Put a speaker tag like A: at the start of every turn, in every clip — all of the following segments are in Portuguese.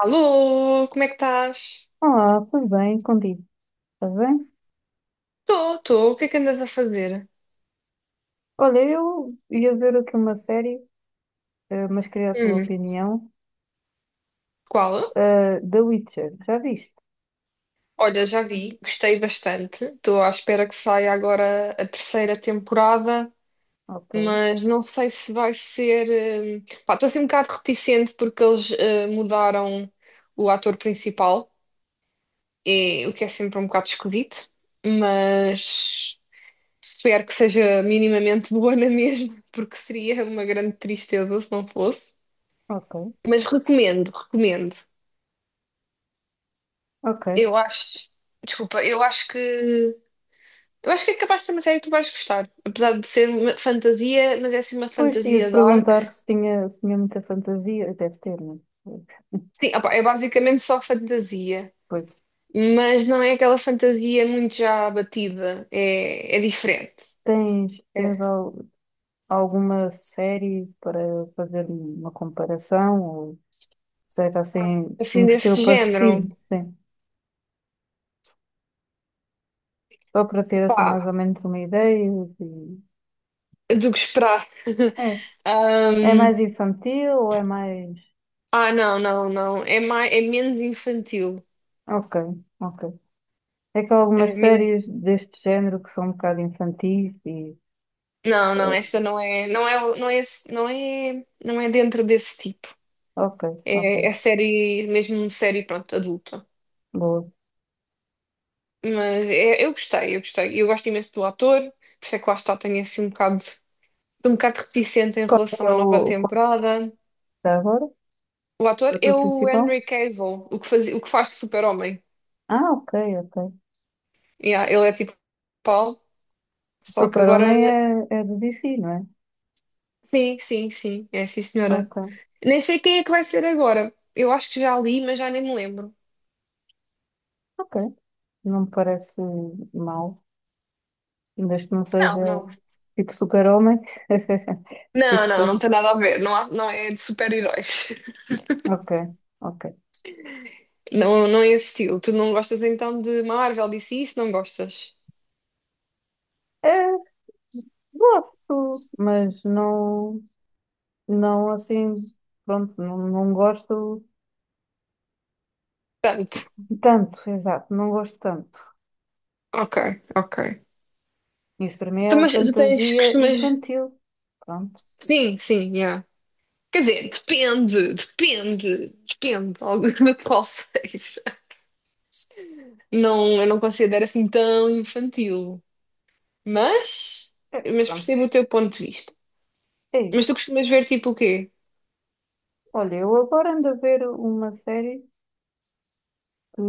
A: Alô, como é que estás?
B: Olá, tudo bem contigo? Estás bem?
A: Estou, estou. O que é que andas a fazer?
B: Olha, eu ia ver aqui uma série, mas queria a tua
A: Hum,
B: opinião.
A: qual?
B: The Witcher, já viste?
A: Olha, já vi, gostei bastante. Estou à espera que saia agora a terceira temporada,
B: Ok,
A: mas não sei se vai ser. Pá, estou assim um bocado reticente porque eles mudaram o ator principal, e, o que é sempre um bocado esquisito, mas espero que seja minimamente boa na mesma, porque seria uma grande tristeza se não fosse.
B: ok,
A: Mas recomendo, recomendo.
B: ok.
A: Eu acho, desculpa, eu acho que é capaz de ser uma série que tu vais gostar, apesar de ser uma fantasia, mas é assim uma
B: Pois
A: fantasia
B: ia-te
A: dark.
B: perguntar se tinha, se tinha muita fantasia. Deve ter, não é?
A: Sim, opá, é basicamente só fantasia,
B: Pois.
A: mas não é aquela fantasia muito já batida, é diferente.
B: Tens, tens
A: É
B: al- Alguma série para fazer uma comparação? Ou seja, assim,
A: assim
B: um estilo
A: desse género,
B: parecido? Sim. Só para ter assim mais
A: pá,
B: ou menos uma ideia. de-
A: do que esperar.
B: É. É
A: Ahm,
B: mais infantil ou é mais?
A: ah, não, não, não, é menos infantil.
B: Ok, ok. É que há
A: É
B: algumas
A: men-
B: séries deste género que são um bocado infantis e...
A: Não, não,
B: eh,
A: esta não é, não é, não é, não é, não é dentro desse tipo.
B: Ok, ok.
A: É série, mesmo série, pronto, adulta.
B: Boa.
A: Mas eu gostei, eu gostei. Eu gosto imenso do ator, por isso é que lá está, tenho assim um bocado reticente em relação à nova
B: Qual é
A: temporada.
B: que é agora?
A: O
B: O
A: ator é
B: ator
A: o
B: principal?
A: Henry Cavill, o que faz de super-homem.
B: Ah, ok, ok.
A: Yeah, ele é tipo Paulo, só que agora...
B: Super-Homem é, é de DC, não é?
A: Sim, sim, sim, é sim senhora.
B: Ok,
A: Nem sei quem é que vai ser agora. Eu acho que já li, mas já nem me lembro.
B: ok. Não me parece mau, desde que não seja
A: Não, não.
B: tipo Super-Homem.
A: Não,
B: Isso,
A: não, não tem nada a ver. Não, não é de super-heróis.
B: ok, ok.
A: Não, não é esse estilo. Tu não gostas então de Marvel, DC, se não gostas?
B: É, gosto, mas não. Não, assim, pronto, não,
A: Tanto.
B: exato, não gosto tanto.
A: Ok, ok.
B: Isso para mim é
A: Mas tu tens,
B: fantasia
A: costumas...
B: infantil. Pronto,
A: Sim, sim, yeah. Quer dizer, depende alguma de qual seja. Não, eu não considero assim tão infantil. Mas, mas
B: pronto,
A: percebo o teu ponto de vista.
B: é
A: Mas tu
B: isso.
A: costumas ver tipo o quê?
B: Olha, eu agora ando a ver uma série que,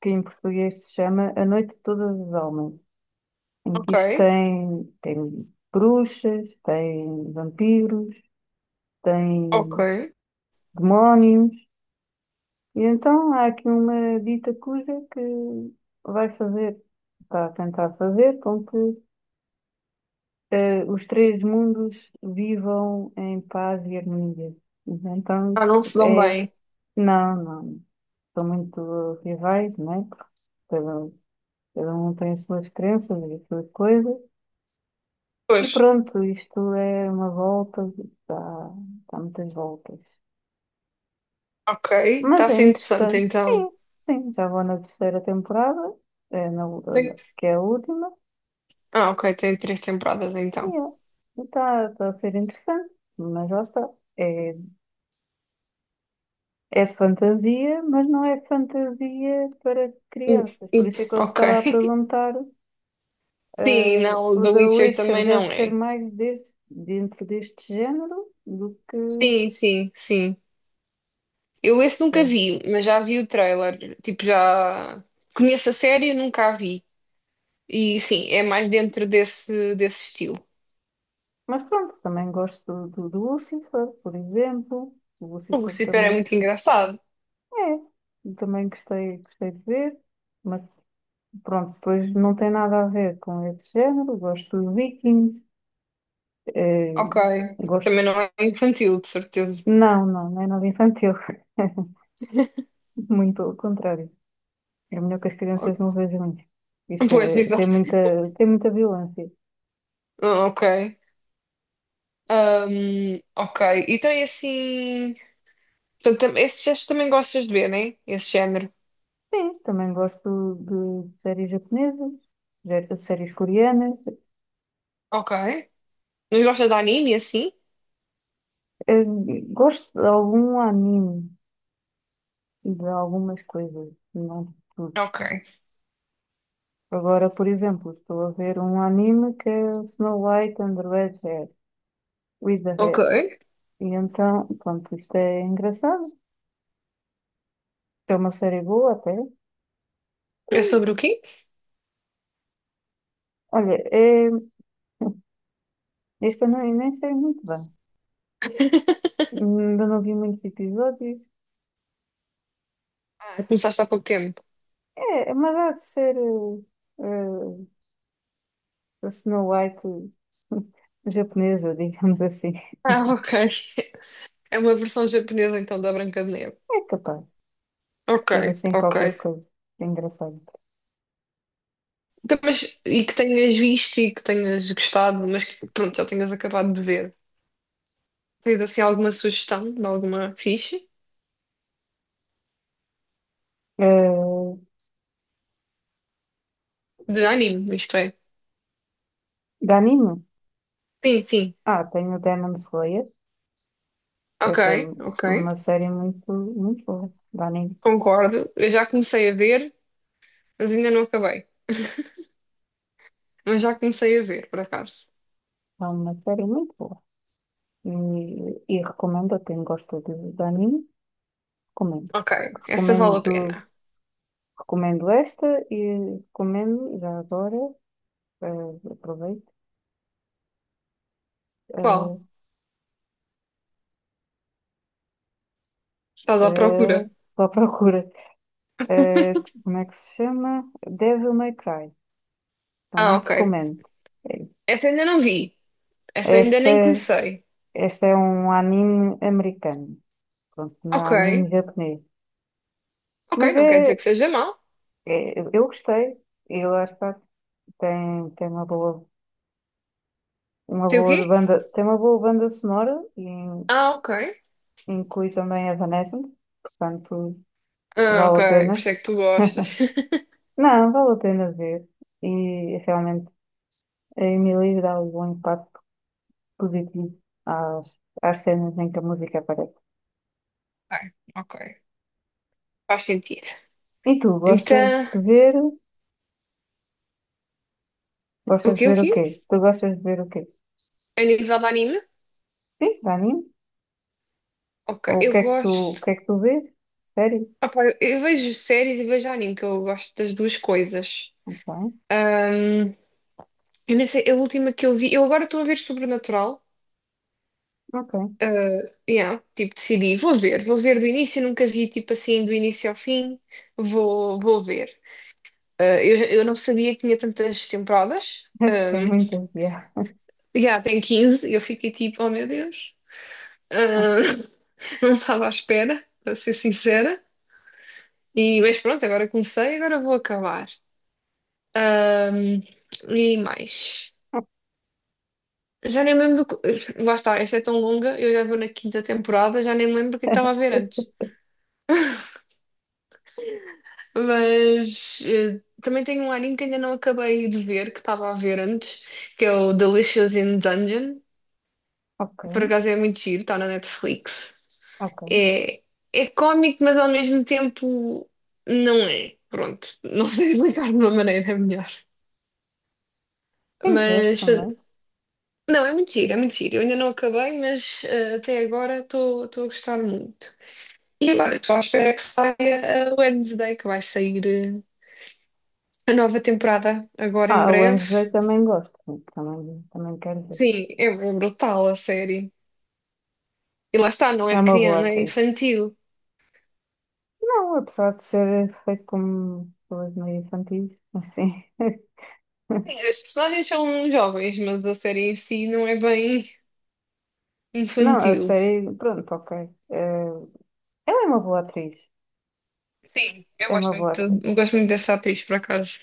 B: que em português se chama A Noite Toda dos Almas, em que
A: Ok,
B: isto tem, tem bruxas, tem vampiros,
A: ok.
B: tem demónios, e então há aqui uma dita cuja que vai fazer, está a tentar fazer com que os três mundos vivam em paz e harmonia. Então,
A: Ah, não
B: isto
A: se dão
B: é...
A: bem.
B: Não, não. São muito rivais, né? Cada, um, cada um tem as suas crenças e as suas coisas. E
A: Pois,
B: pronto, isto é uma volta, dá, dá muitas voltas.
A: ok. Está
B: Mas
A: a
B: é
A: ser interessante
B: interessante.
A: então.
B: Sim, sim. Já vou na terceira temporada, é na,
A: Tem-
B: que é a última.
A: Ah, ok, tem três temporadas
B: E
A: então.
B: é. Está a ser interessante, mas já está. É. É de fantasia, mas não é fantasia para
A: Hum,
B: crianças. Por
A: hum,
B: isso é que eu
A: Ok.
B: estava a perguntar,
A: Sim, não, o
B: o
A: The
B: The
A: Witcher
B: Witcher
A: também
B: deve
A: não
B: ser
A: é.
B: mais dentro deste género do que...
A: Sim, sim, sim. Eu esse nunca
B: eh,
A: vi, mas já vi o trailer. Tipo, já conheço a série, nunca a vi. E sim, é mais dentro desse estilo.
B: Mas pronto, também gosto do Lucifer, por exemplo. O
A: O
B: Lucifer
A: Lucifer é
B: também
A: muito engraçado.
B: é, eu também gostei, gostei de ver, mas pronto, depois não tem nada a ver com esse género. Gosto de Vikings, eh,
A: Ok. Também
B: gosto...
A: não é infantil, de certeza.
B: Não, não, não é nada infantil. Muito pelo contrário. É melhor que as crianças
A: O-
B: não vejam isto. Isto
A: Pois,
B: é,
A: exato.
B: tem muita violência.
A: Ah, ok. Ok. Então é assim. Portanto, esses também gostas de ver, né? Esse género.
B: Sim, também gosto de séries japonesas, de séries coreanas.
A: Ok. Não gostas de anime assim?
B: Eh, gosto de algum anime e de algumas coisas, não de tudo.
A: Ok.
B: Agora, por exemplo, estou a ver um anime que é o Snow White and the Red Hair, with the
A: Ok.
B: Hair. E então, pronto, isto é engraçado. É uma série boa até. E,
A: É sobre o quê?
B: olha, é, isto eu não, nem sei muito bem. Ainda não vi muitos episódios.
A: Ah, começaste há pouco tempo.
B: É, mas há de ser uh, a Snow White japonesa, digamos assim.
A: Ah, ok. É uma versão japonesa então da Branca de Neve.
B: É capaz de
A: Ok,
B: ser assim
A: ok.
B: qualquer coisa. É engraçado.
A: Então, mas, e que tenhas visto e que tenhas gostado, mas que pronto, já tenhas acabado de ver. Tens assim alguma sugestão de alguma ficha?
B: Uh,
A: De anime, isto é.
B: de anime?
A: Sim, sim.
B: Ah, tenho Demon Slayer.
A: Ok,
B: Essa é
A: ok.
B: uma série muito, muito boa. De anime.
A: Concordo. Eu já comecei a ver, mas ainda não acabei. Mas já comecei a ver, por acaso.
B: É uma série muito boa. E, e recomendo a quem gosta de anime. Recomendo.
A: Ok, essa vale a
B: Recomendo,
A: pena.
B: recomendo esta e recomendo já agora. Aproveito.
A: Qual? Estás
B: eh,
A: à procura?
B: eh, Estou à procura. Eh, como é que se chama? Devil May Cry.
A: Ah,
B: Também
A: ok.
B: recomendo. Eh,
A: Essa ainda não vi. Essa ainda nem
B: Esta,
A: comecei.
B: esta é um anime americano. Pronto, não é
A: Ok.
B: anime japonês.
A: Ok,
B: Mas
A: não quer dizer que
B: é,
A: seja mau.
B: é- eu gostei. E lá está. Tem, tem uma
A: Sei o
B: boa
A: quê?
B: banda, tem uma boa banda sonora e
A: Ah, ok.
B: inclui também Evanescence. Portanto,
A: Ah, ok.
B: vale a
A: Por isso
B: pena.
A: é que tu gostas.
B: Não, vale a pena ver. E realmente. A Emily dá um impacto positivo às, às cenas em que a música aparece.
A: Ok, ok. Faz sentido.
B: E tu, gostas
A: Então,
B: de ver?
A: o
B: Gostas de
A: quê, o
B: ver o quê?
A: quê?
B: Tu gostas de ver o quê?
A: A nível de anime?
B: Sim, anime?
A: Ok,
B: Ou
A: eu
B: o
A: gosto.
B: que é que tu vês? Sério?
A: Ah, pá, eu vejo séries e vejo anime, que eu gosto das duas coisas.
B: Bem,
A: Ahm, eu nem sei, a última que eu vi. Eu agora estou a ver Sobrenatural.
B: ok.
A: Yeah, tipo, decidi, vou ver do início, nunca vi tipo assim do início ao fim, vou ver. Ah, eu não sabia que tinha tantas temporadas.
B: Deve ter muita piada.
A: Yeah, tem 15, eu fiquei tipo, oh meu Deus. Ah, não estava à espera, para ser sincera. E, mas pronto, agora comecei, agora vou acabar. Um, e mais. Já nem lembro. Lá está, esta é tão longa, eu já vou na quinta temporada, já nem lembro o que estava a ver antes. Mas também tenho um anime que ainda não acabei de ver, que estava a ver antes, que é o Delicious in Dungeon.
B: Ok,
A: Por acaso é muito giro, está na Netflix.
B: ok.
A: É, é cómico, mas ao mesmo tempo não é. Pronto, não sei explicar de uma maneira melhor.
B: Tem que ver
A: Mas
B: também.
A: não, é muito giro, é muito giro. Eu ainda não acabei, mas até agora estou a gostar muito. E agora estou à espera que saia a Wednesday, que vai sair a nova temporada agora em
B: Ah, a
A: breve.
B: Wednesday também gosto. Também, também quero ver.
A: Sim, é brutal a série. E lá está, não
B: É
A: é de
B: uma boa
A: criança, é
B: atriz.
A: infantil.
B: Não, apesar de ser feito como pessoas meio infantis, assim.
A: Sim, as personagens são jovens, mas a série em si não é bem
B: Não, a
A: infantil.
B: série, pronto, ok. Eh, ela é uma boa atriz.
A: Sim,
B: É uma boa atriz.
A: eu gosto muito dessa atriz, por acaso.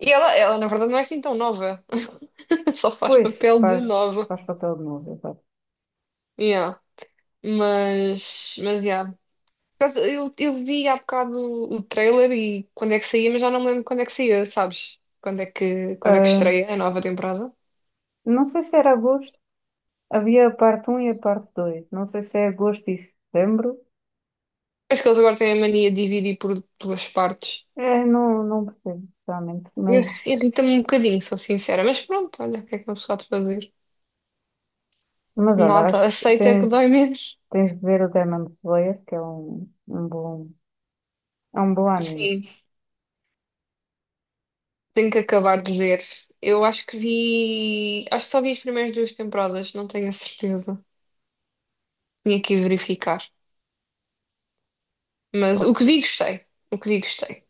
A: E ela, na verdade, não é assim tão nova. Só faz
B: Pois,
A: papel de
B: faz,
A: nova.
B: faz papel de novo, exato.
A: Yeah. Mas, yeah. Por acaso, eu vi há bocado o trailer e quando é que saía, mas já não me lembro quando é que saía, sabes? Quando é que
B: Ah,
A: estreia a nova temporada?
B: não sei se era agosto. Havia a parte um e a parte 2. Não sei se é agosto e setembro.
A: Acho que eles agora têm a mania de dividir por duas partes.
B: É, não, não percebo, realmente.
A: Irrita-me um bocadinho, sou sincera, mas pronto, olha, o que é que uma pessoa há de fazer?
B: Mas olha, acho
A: Nada,
B: que
A: aceita que
B: tens,
A: dói menos.
B: tens de ver o Demon Slayer, que é um, um bom, é um bom anime.
A: Sim, tenho que acabar de ver. Eu acho que vi. Acho que só vi as primeiras duas temporadas, não tenho a certeza. Tinha que ir verificar. Mas o que
B: To-
A: vi, gostei. O que vi, gostei.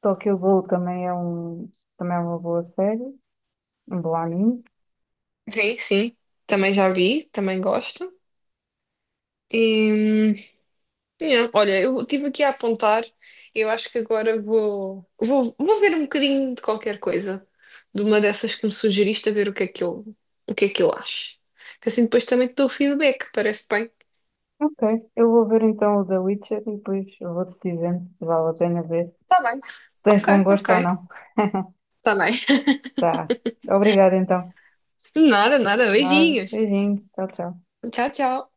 B: Tokyo Ghoul também é um, também é uma boa série, um bom anime.
A: Sim, sim, também já vi, também gosto. E sim, olha, eu tive aqui a apontar. Eu acho que agora vou ver um bocadinho de qualquer coisa, de uma dessas que me sugeriste, a ver o que é que eu, o que é que eu acho. Que assim depois também te dou o feedback, parece bem.
B: Ok, eu vou ver então o The Witcher e depois eu vou-te dizendo se vale a pena ver
A: Tá bem.
B: se tens bom
A: Ok,
B: gosto ou
A: ok.
B: não.
A: Tá bem.
B: Tá. Obrigada então.
A: Nada, nada.
B: Nada.
A: Beijinhos.
B: Beijinhos. Tchau, tchau.
A: Tchau, tchau.